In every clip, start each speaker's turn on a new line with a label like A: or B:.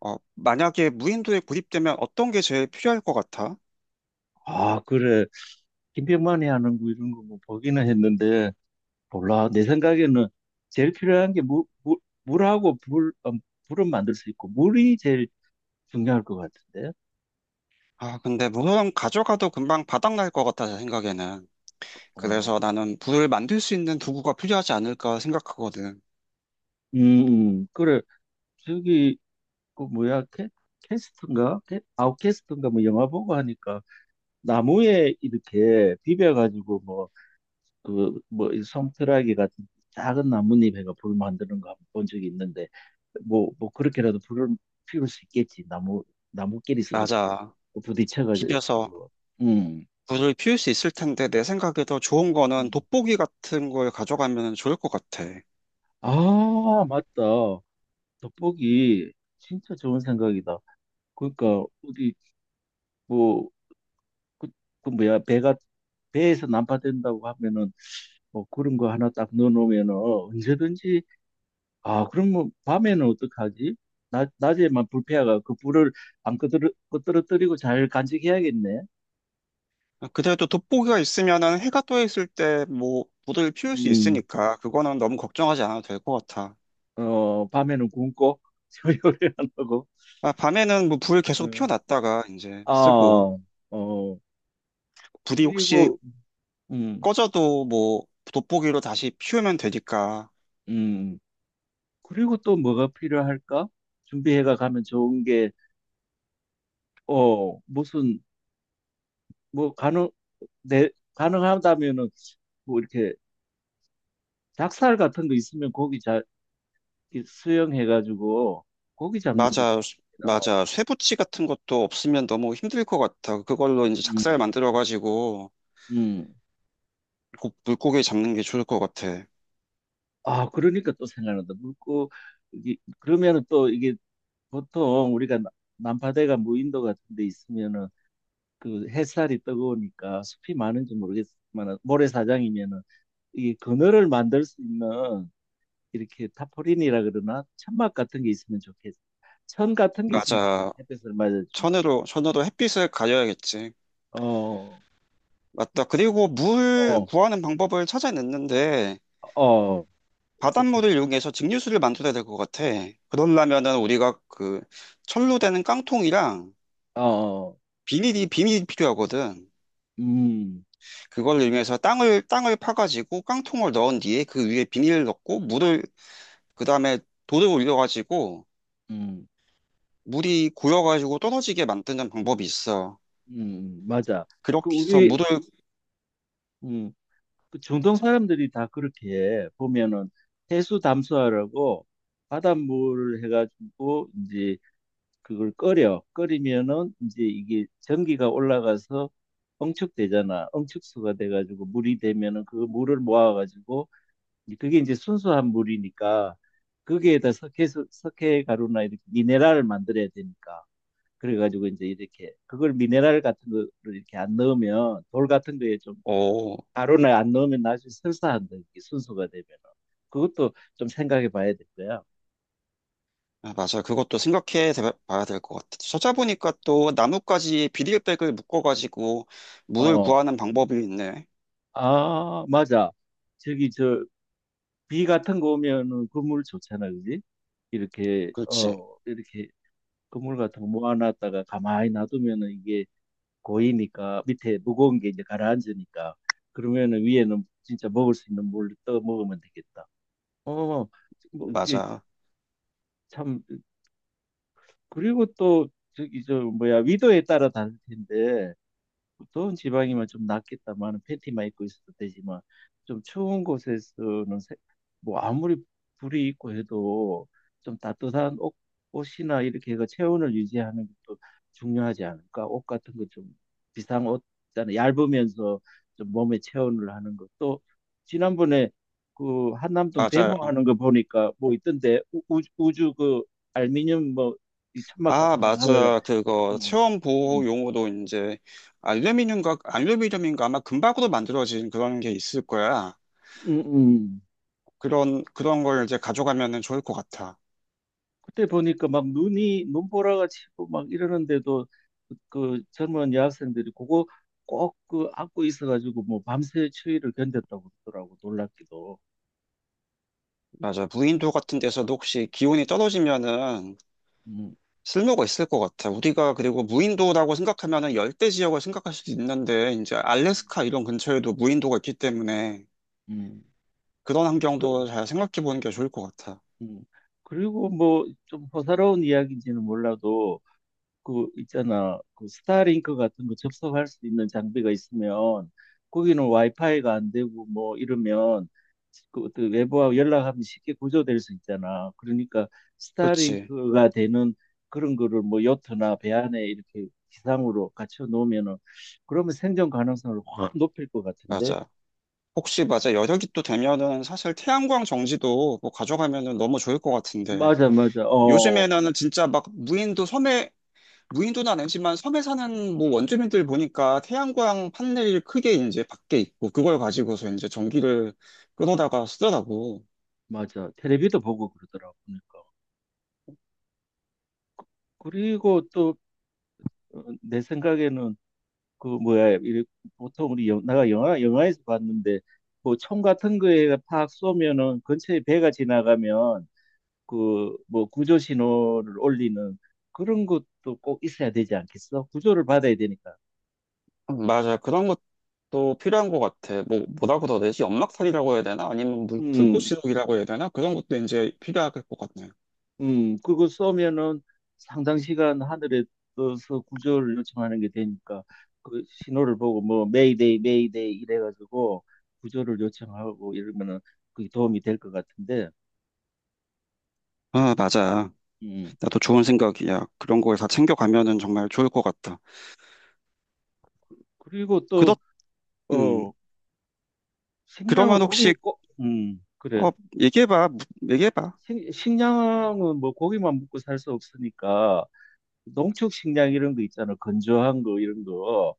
A: 만약에 무인도에 구입되면 어떤 게 제일 필요할 것 같아?
B: 아, 그래. 김병만이 하는 거 이런 거 뭐 보기는 했는데, 몰라. 내 생각에는 제일 필요한 게 물하고 불, 불은 만들 수 있고, 물이 제일 중요할 것 같은데.
A: 아, 근데 물론 가져가도 금방 바닥날 것 같아, 내 생각에는. 그래서
B: 어,
A: 나는 불을 만들 수 있는 도구가 필요하지 않을까 생각하거든.
B: 그래. 저기, 그 뭐야, 캐, 캐스트인가? 아웃캐스트인가? 뭐 영화 보고 하니까 나무에 이렇게 비벼가지고 이 솜털아기 같은 작은 나뭇잎에가 불 만드는 거 한번 본 적이 있는데, 그렇게라도 불을 피울 수 있겠지. 나무끼리 서로
A: 맞아. 비벼서
B: 부딪혀가지고. 음.
A: 불을 피울 수 있을 텐데 내 생각에 더 좋은 거는
B: 음.
A: 돋보기 같은 걸 가져가면 좋을 것 같아.
B: 아, 맞다. 돋보기. 진짜 좋은 생각이다. 그러니까, 뭐, 그, 그 뭐야, 배에서 난파된다고 하면은, 뭐, 그런 거 하나 딱 넣어놓으면은, 언제든지. 아, 그럼 뭐 밤에는 어떡하지? 낮에만 불패화가 그 불을 안 끄드러, 끄드러뜨리고 잘 간직해야겠네.
A: 그래도 돋보기가 있으면은 해가 떠 있을 때 뭐 불을 피울 수
B: 음,
A: 있으니까 그거는 너무 걱정하지 않아도 될 것 같아.
B: 어, 밤에는 굶고 요리를 안 하고.
A: 아, 밤에는 뭐 불 계속
B: 어,
A: 피워놨다가 이제 쓰고.
B: 아, 어,
A: 불이 혹시
B: 그리고 음,
A: 꺼져도 뭐 돋보기로 다시 피우면 되니까.
B: 음, 그리고 또 뭐가 필요할까? 준비해가 가면 좋은 게 어, 무슨 뭐 가능 내 가능하다면은 뭐 이렇게 닭살 같은 거 있으면 이 수영해가지고 고기 잡는 데,
A: 맞아,
B: 어,
A: 맞아. 쇠붙이 같은 것도 없으면 너무 힘들 것 같아. 그걸로 이제 작살
B: 음,
A: 만들어가지고
B: 음.
A: 곧 물고기 잡는 게 좋을 것 같아.
B: 아, 그러니까 또 생각난다. 이게, 그러면은 또 이게 보통 우리가 남파대가 무인도 같은 데 있으면은 그 햇살이 뜨거우니까 숲이 많은지 모르겠지만 모래사장이면은 이 그늘을 만들 수 있는 이렇게 타포린이라 그러나 천막 같은 게 있으면 좋겠어. 천 같은 게 있으면 좋겠어.
A: 맞아.
B: 햇볕을 맞아주면.
A: 천으로 햇빛을 가려야겠지.
B: 어,
A: 맞다. 그리고 물
B: 어,
A: 구하는 방법을 찾아냈는데
B: 어, 어떻게?
A: 바닷물을 이용해서 증류수를 만들어야 될 것 같아. 그러려면은 우리가 그 철로 되는 깡통이랑
B: 어,
A: 비닐이 필요하거든.
B: 음,
A: 그걸 이용해서 땅을 파가지고 깡통을 넣은 뒤에 그 위에 비닐을 넣고 물을 그 다음에 돌을 올려가지고
B: 음,
A: 물이 고여가지고 떨어지게 만드는 방법이 있어.
B: 맞아. 그
A: 그렇게 해서
B: 우리
A: 물을
B: 음, 그 중동 사람들이 다 그렇게 해. 보면은 해수 담수화라고 바닷물을 해가지고 이제 그걸 끓여. 끓이면은 이제 이게 전기가 올라가서 엉축되잖아. 엉축수가 돼가지고 물이 되면은 그 물을 모아가지고 이제 그게 이제 순수한 물이니까 거기에다 석회 가루나 이렇게 미네랄을 만들어야 되니까. 그래가지고 이제 이렇게 그걸 미네랄 같은 거를 이렇게 안 넣으면 돌 같은 거에 좀
A: 어
B: 가루나 안 넣으면 나중에 설사한다. 이게 순수가 되면 그것도 좀 생각해 봐야 될 거야.
A: 아, 맞아 그것도 봐야 될 것 같아. 찾아보니까 또 나뭇가지에 비닐백을 묶어가지고 물을
B: 어,
A: 구하는 방법이 있네.
B: 아 맞아. 저기 저 비 같은 거 오면은 그물 좋잖아, 그지? 이렇게
A: 그렇지.
B: 어 이렇게 그물 같은 거 모아놨다가 가만히 놔두면은 이게 고이니까 밑에 무거운 게 이제 가라앉으니까 그러면은 위에는 진짜 먹을 수 있는 물로 떠 먹으면 되겠다. 어, 뭐 어떻게
A: 맞아,
B: 참. 그리고 또 저기 저 뭐야 위도에 따라 다를 텐데 더운 지방이면 좀 낫겠다만 팬티만 입고 있어도 되지만 좀 추운 곳에서는 뭐 아무리 불이 있고 해도 좀 옷이나 이렇게 해서 체온을 유지하는 것도 중요하지 않을까? 옷 같은 거 좀 비싼 옷 있잖아. 얇으면서 좀 몸에 체온을 하는 것도. 지난번에 그 한남동
A: 맞아.
B: 데모하는 거 보니까 뭐 있던데 우주 그 알미늄 뭐이 천막
A: 아,
B: 같은 거 하면은.
A: 맞아. 그거
B: 음,
A: 체온
B: 음,
A: 보호 용어도 이제 알루미늄과 알루미늄인가 아마 금박으로 만들어진 그런 게 있을 거야.
B: 음, 음.
A: 그런 걸 이제 가져가면은 좋을 것 같아.
B: 그때 보니까 막 눈이 눈보라가 치고 막 이러는데도 그 젊은 여학생들이 그거 꼭 그 안고 있어가지고 뭐 밤새 추위를 견뎠다고 그러더라고. 놀랍기도.
A: 맞아. 무인도 같은 데서도 혹시 기온이 떨어지면은
B: 음,
A: 쓸모가 있을 것 같아. 우리가 그리고 무인도라고 생각하면은 열대 지역을 생각할 수도 있는데 이제
B: 음.
A: 알래스카 이런 근처에도 무인도가 있기 때문에
B: 음,
A: 그런
B: 그,
A: 환경도 잘 생각해 보는 게 좋을 것 같아.
B: 음. 그리고 뭐 좀 호사로운 이야기인지는 몰라도 그 있잖아 그 스타링크 같은 거 접속할 수 있는 장비가 있으면 거기는 와이파이가 안 되고 뭐 이러면 그 어떤 외부와 연락하면 쉽게 구조될 수 있잖아. 그러니까
A: 그렇지.
B: 스타링크가 되는 그런 거를 뭐 요트나 배 안에 이렇게 기상으로 갖춰 놓으면은 그러면 생존 가능성을 확 높일 것 같은데.
A: 맞아. 혹시 맞아 여력이 또 되면은 사실 태양광 정지도 뭐 가져가면은 너무 좋을 것 같은데
B: 맞아, 맞아. 어,
A: 요즘에는 진짜 막 무인도 섬에 무인도는 아니지만 섬에 사는 뭐 원주민들 보니까 태양광 판넬이 크게 이제 밖에 있고 그걸 가지고서 이제 전기를 끊어다가 쓰더라고.
B: 맞아. 텔레비도 보고 그러더라고. 그러니까. 그리고 또 어, 내 생각에는 그 뭐야 이래 보통 내가 영화에서 봤는데 뭐 총 같은 거에 팍 쏘면은 근처에 배가 지나가면 그 뭐 구조 신호를 올리는 그런 것도 꼭 있어야 되지 않겠어? 구조를 받아야 되니까.
A: 맞아 그런 것도 필요한 것 같아. 뭐 뭐라고 더 되지? 연막살이라고 해야 되나? 아니면 물,
B: 음,
A: 불꽃시럽이라고 해야 되나? 그런 것도 이제 필요할 것 같네.
B: 그거 쏘면은 상당 시간 하늘에 떠서 구조를 요청하는 게 되니까 그 신호를 보고 뭐 메이데이 메이데이 이래가지고 구조를 요청하고 이러면은 그게 도움이 될 것 같은데.
A: 아, 맞아.
B: 음.
A: 나도 좋은 생각이야. 그런 걸 다 챙겨가면은 정말 좋을 것 같다.
B: 그리고
A: 그렇,
B: 또
A: 음,
B: 어, 식량을
A: 그러면 혹시,
B: 그래.
A: 어, 얘기해봐, 무- 얘기해봐.
B: 식량은 뭐 고기만 먹고 살 수 없으니까 농축 식량 이런 거 있잖아. 건조한 거 이런 거.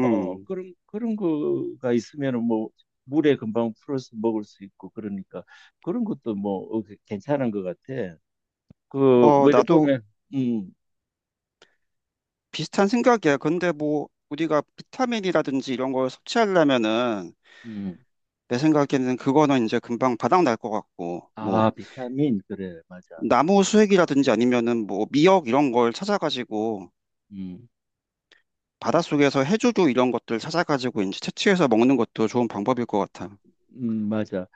B: 어, 그런 거가 있으면은 뭐 물에 금방 풀어서 먹을 수 있고 그러니까 그런 것도 뭐 어, 그 괜찮은 것 같아. 그, 뭐 이래
A: 나도
B: 보면, 음,
A: 비슷한 생각이야. 근데 뭐, 우리가 비타민이라든지 이런 걸 섭취하려면은,
B: 음.
A: 내 생각에는 그거는 이제 금방 바닥날 것 같고,
B: 아,
A: 뭐,
B: 비타민. 그래, 맞아.
A: 나무 수액이라든지 아니면은 뭐, 미역 이런 걸 찾아가지고,
B: 음.
A: 바닷속에서 해조류 이런 것들 찾아가지고 이제 채취해서 먹는 것도 좋은 방법일 것 같아.
B: 맞아.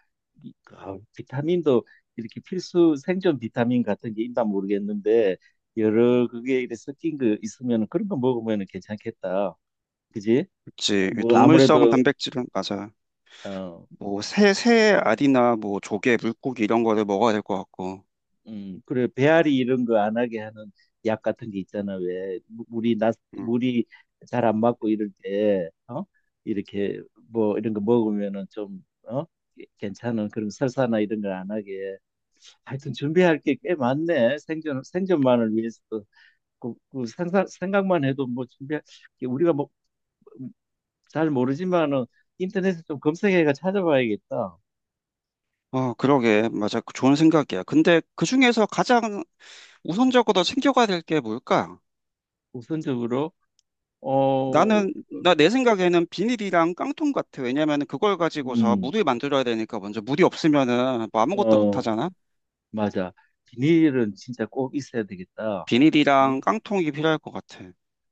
B: 아, 비타민도 이렇게 필수 생존 비타민 같은 게 있나 모르겠는데 여러 그게 이렇게 섞인 거 있으면 그런 거 먹으면 괜찮겠다. 그지?
A: 그치.
B: 뭐
A: 동물성
B: 아무래도
A: 단백질은, 맞아.
B: 어,
A: 뭐, 새 알이나 뭐, 조개, 물고기 이런 거를 먹어야 될 것 같고.
B: 그래 배앓이 이런 거 안 하게 하는 약 같은 게 있잖아. 왜
A: 음.
B: 물이 잘 안 맞고 이럴 때 어? 이렇게 뭐 이런 거 먹으면은 좀 어? 괜찮은 그런 설사나 이런 걸 안 하게. 하여튼 준비할 게 꽤 많네. 생존만을 위해서도. 생각만 해도 뭐 준비할, 게 우리가 뭐, 잘 모르지만은 인터넷에 좀 검색해가 찾아봐야겠다.
A: 어, 그러게. 맞아. 그 좋은 생각이야. 근데 그 중에서 가장 우선적으로 챙겨가야 될 게 뭘까?
B: 우선적으로, 어,
A: 나는, 나 내 생각에는 비닐이랑 깡통 같아. 왜냐면 그걸 가지고서
B: 음,
A: 물을 만들어야 되니까 먼저 물이 없으면은 뭐 아무것도 못
B: 어,
A: 하잖아?
B: 맞아. 비닐은 진짜 꼭 있어야 되겠다. 예.
A: 비닐이랑 깡통이 필요할 것 같아.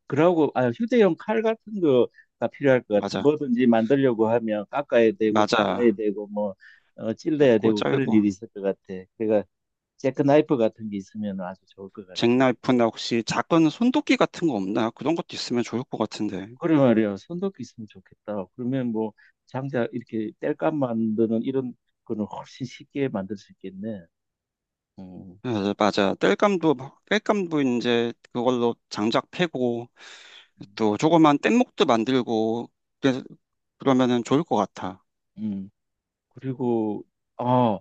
B: 그러고, 아, 휴대용 칼 같은 거가 필요할 것 같아.
A: 맞아.
B: 뭐든지 만들려고 하면 깎아야 되고, 잘라야
A: 맞아.
B: 되고, 뭐, 어, 찔러야
A: 작고
B: 되고, 그런
A: 짧고.
B: 일이 있을 것 같아. 그러니까 잭크나이프 같은 게 있으면 아주 좋을 것 같은데.
A: 잭나이프나 혹시 작은 손도끼 같은 거 없나? 그런 것도 있으면 좋을 것 같은데.
B: 그래 말이야. 손도끼 있으면 좋겠다. 그러면 뭐 장작 이렇게 땔감 만드는 이런 거는 훨씬 쉽게 만들 수 있겠네. 음.
A: 맞아, 맞아. 뗄감도, 뗄감도 이제 그걸로 장작 패고 또 조그만 뗏목도 만들고 그래서 그러면은 좋을 것 같아.
B: 음. 그리고 아,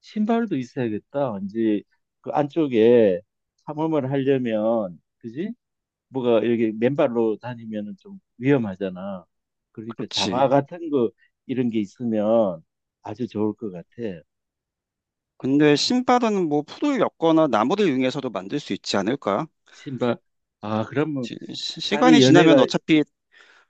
B: 신발도 있어야겠다. 이제 그 안쪽에 탐험을 하려면 그지? 뭐가 이렇게 맨발로 다니면은 좀 위험하잖아. 그러니까 장화
A: 그렇지.
B: 같은 거 이런 게 있으면 아주 좋을 것 같아.
A: 근데 신발은 뭐 풀을 엮거나 나무를 이용해서도 만들 수 있지 않을까?
B: 신발. 아, 그러면
A: 시간이
B: 살이
A: 지나면
B: 연애가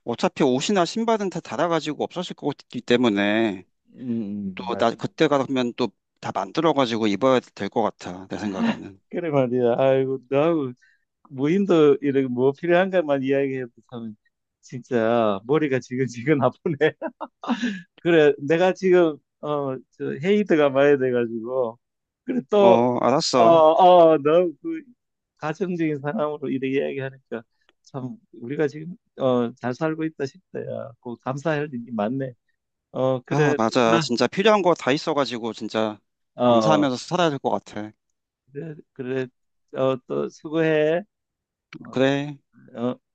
A: 어차피 옷이나 신발은 다 닳아가지고 없어질 것 같기 때문에 또
B: 맞.
A: 나 그때 가면 또 다 만들어가지고 입어야 될 것 같아 내 생각에는.
B: 그래 말이야. 아이고, 너하고 무인도 이런 뭐 필요한 것만 이야기해도 참 진짜 머리가 지근지근 아프네. 그래, 내가 지금 어, 저 헤이드가 많이 돼가지고 그래 또
A: 어 알았어.
B: 너그 가정적인 사람으로 이렇게 이야기하니까 참 우리가 지금 어, 잘 살고 있다 싶다. 야, 꼭 감사할 일이 많네. 어,
A: 아
B: 그래. 또
A: 맞아
B: 봐.
A: 진짜 필요한 거 다 있어가지고 진짜
B: 어, 어.
A: 감사하면서 살아야 될 것 같아.
B: 그래, 그래. 어, 또 수고해. 어,
A: 그래.
B: 어.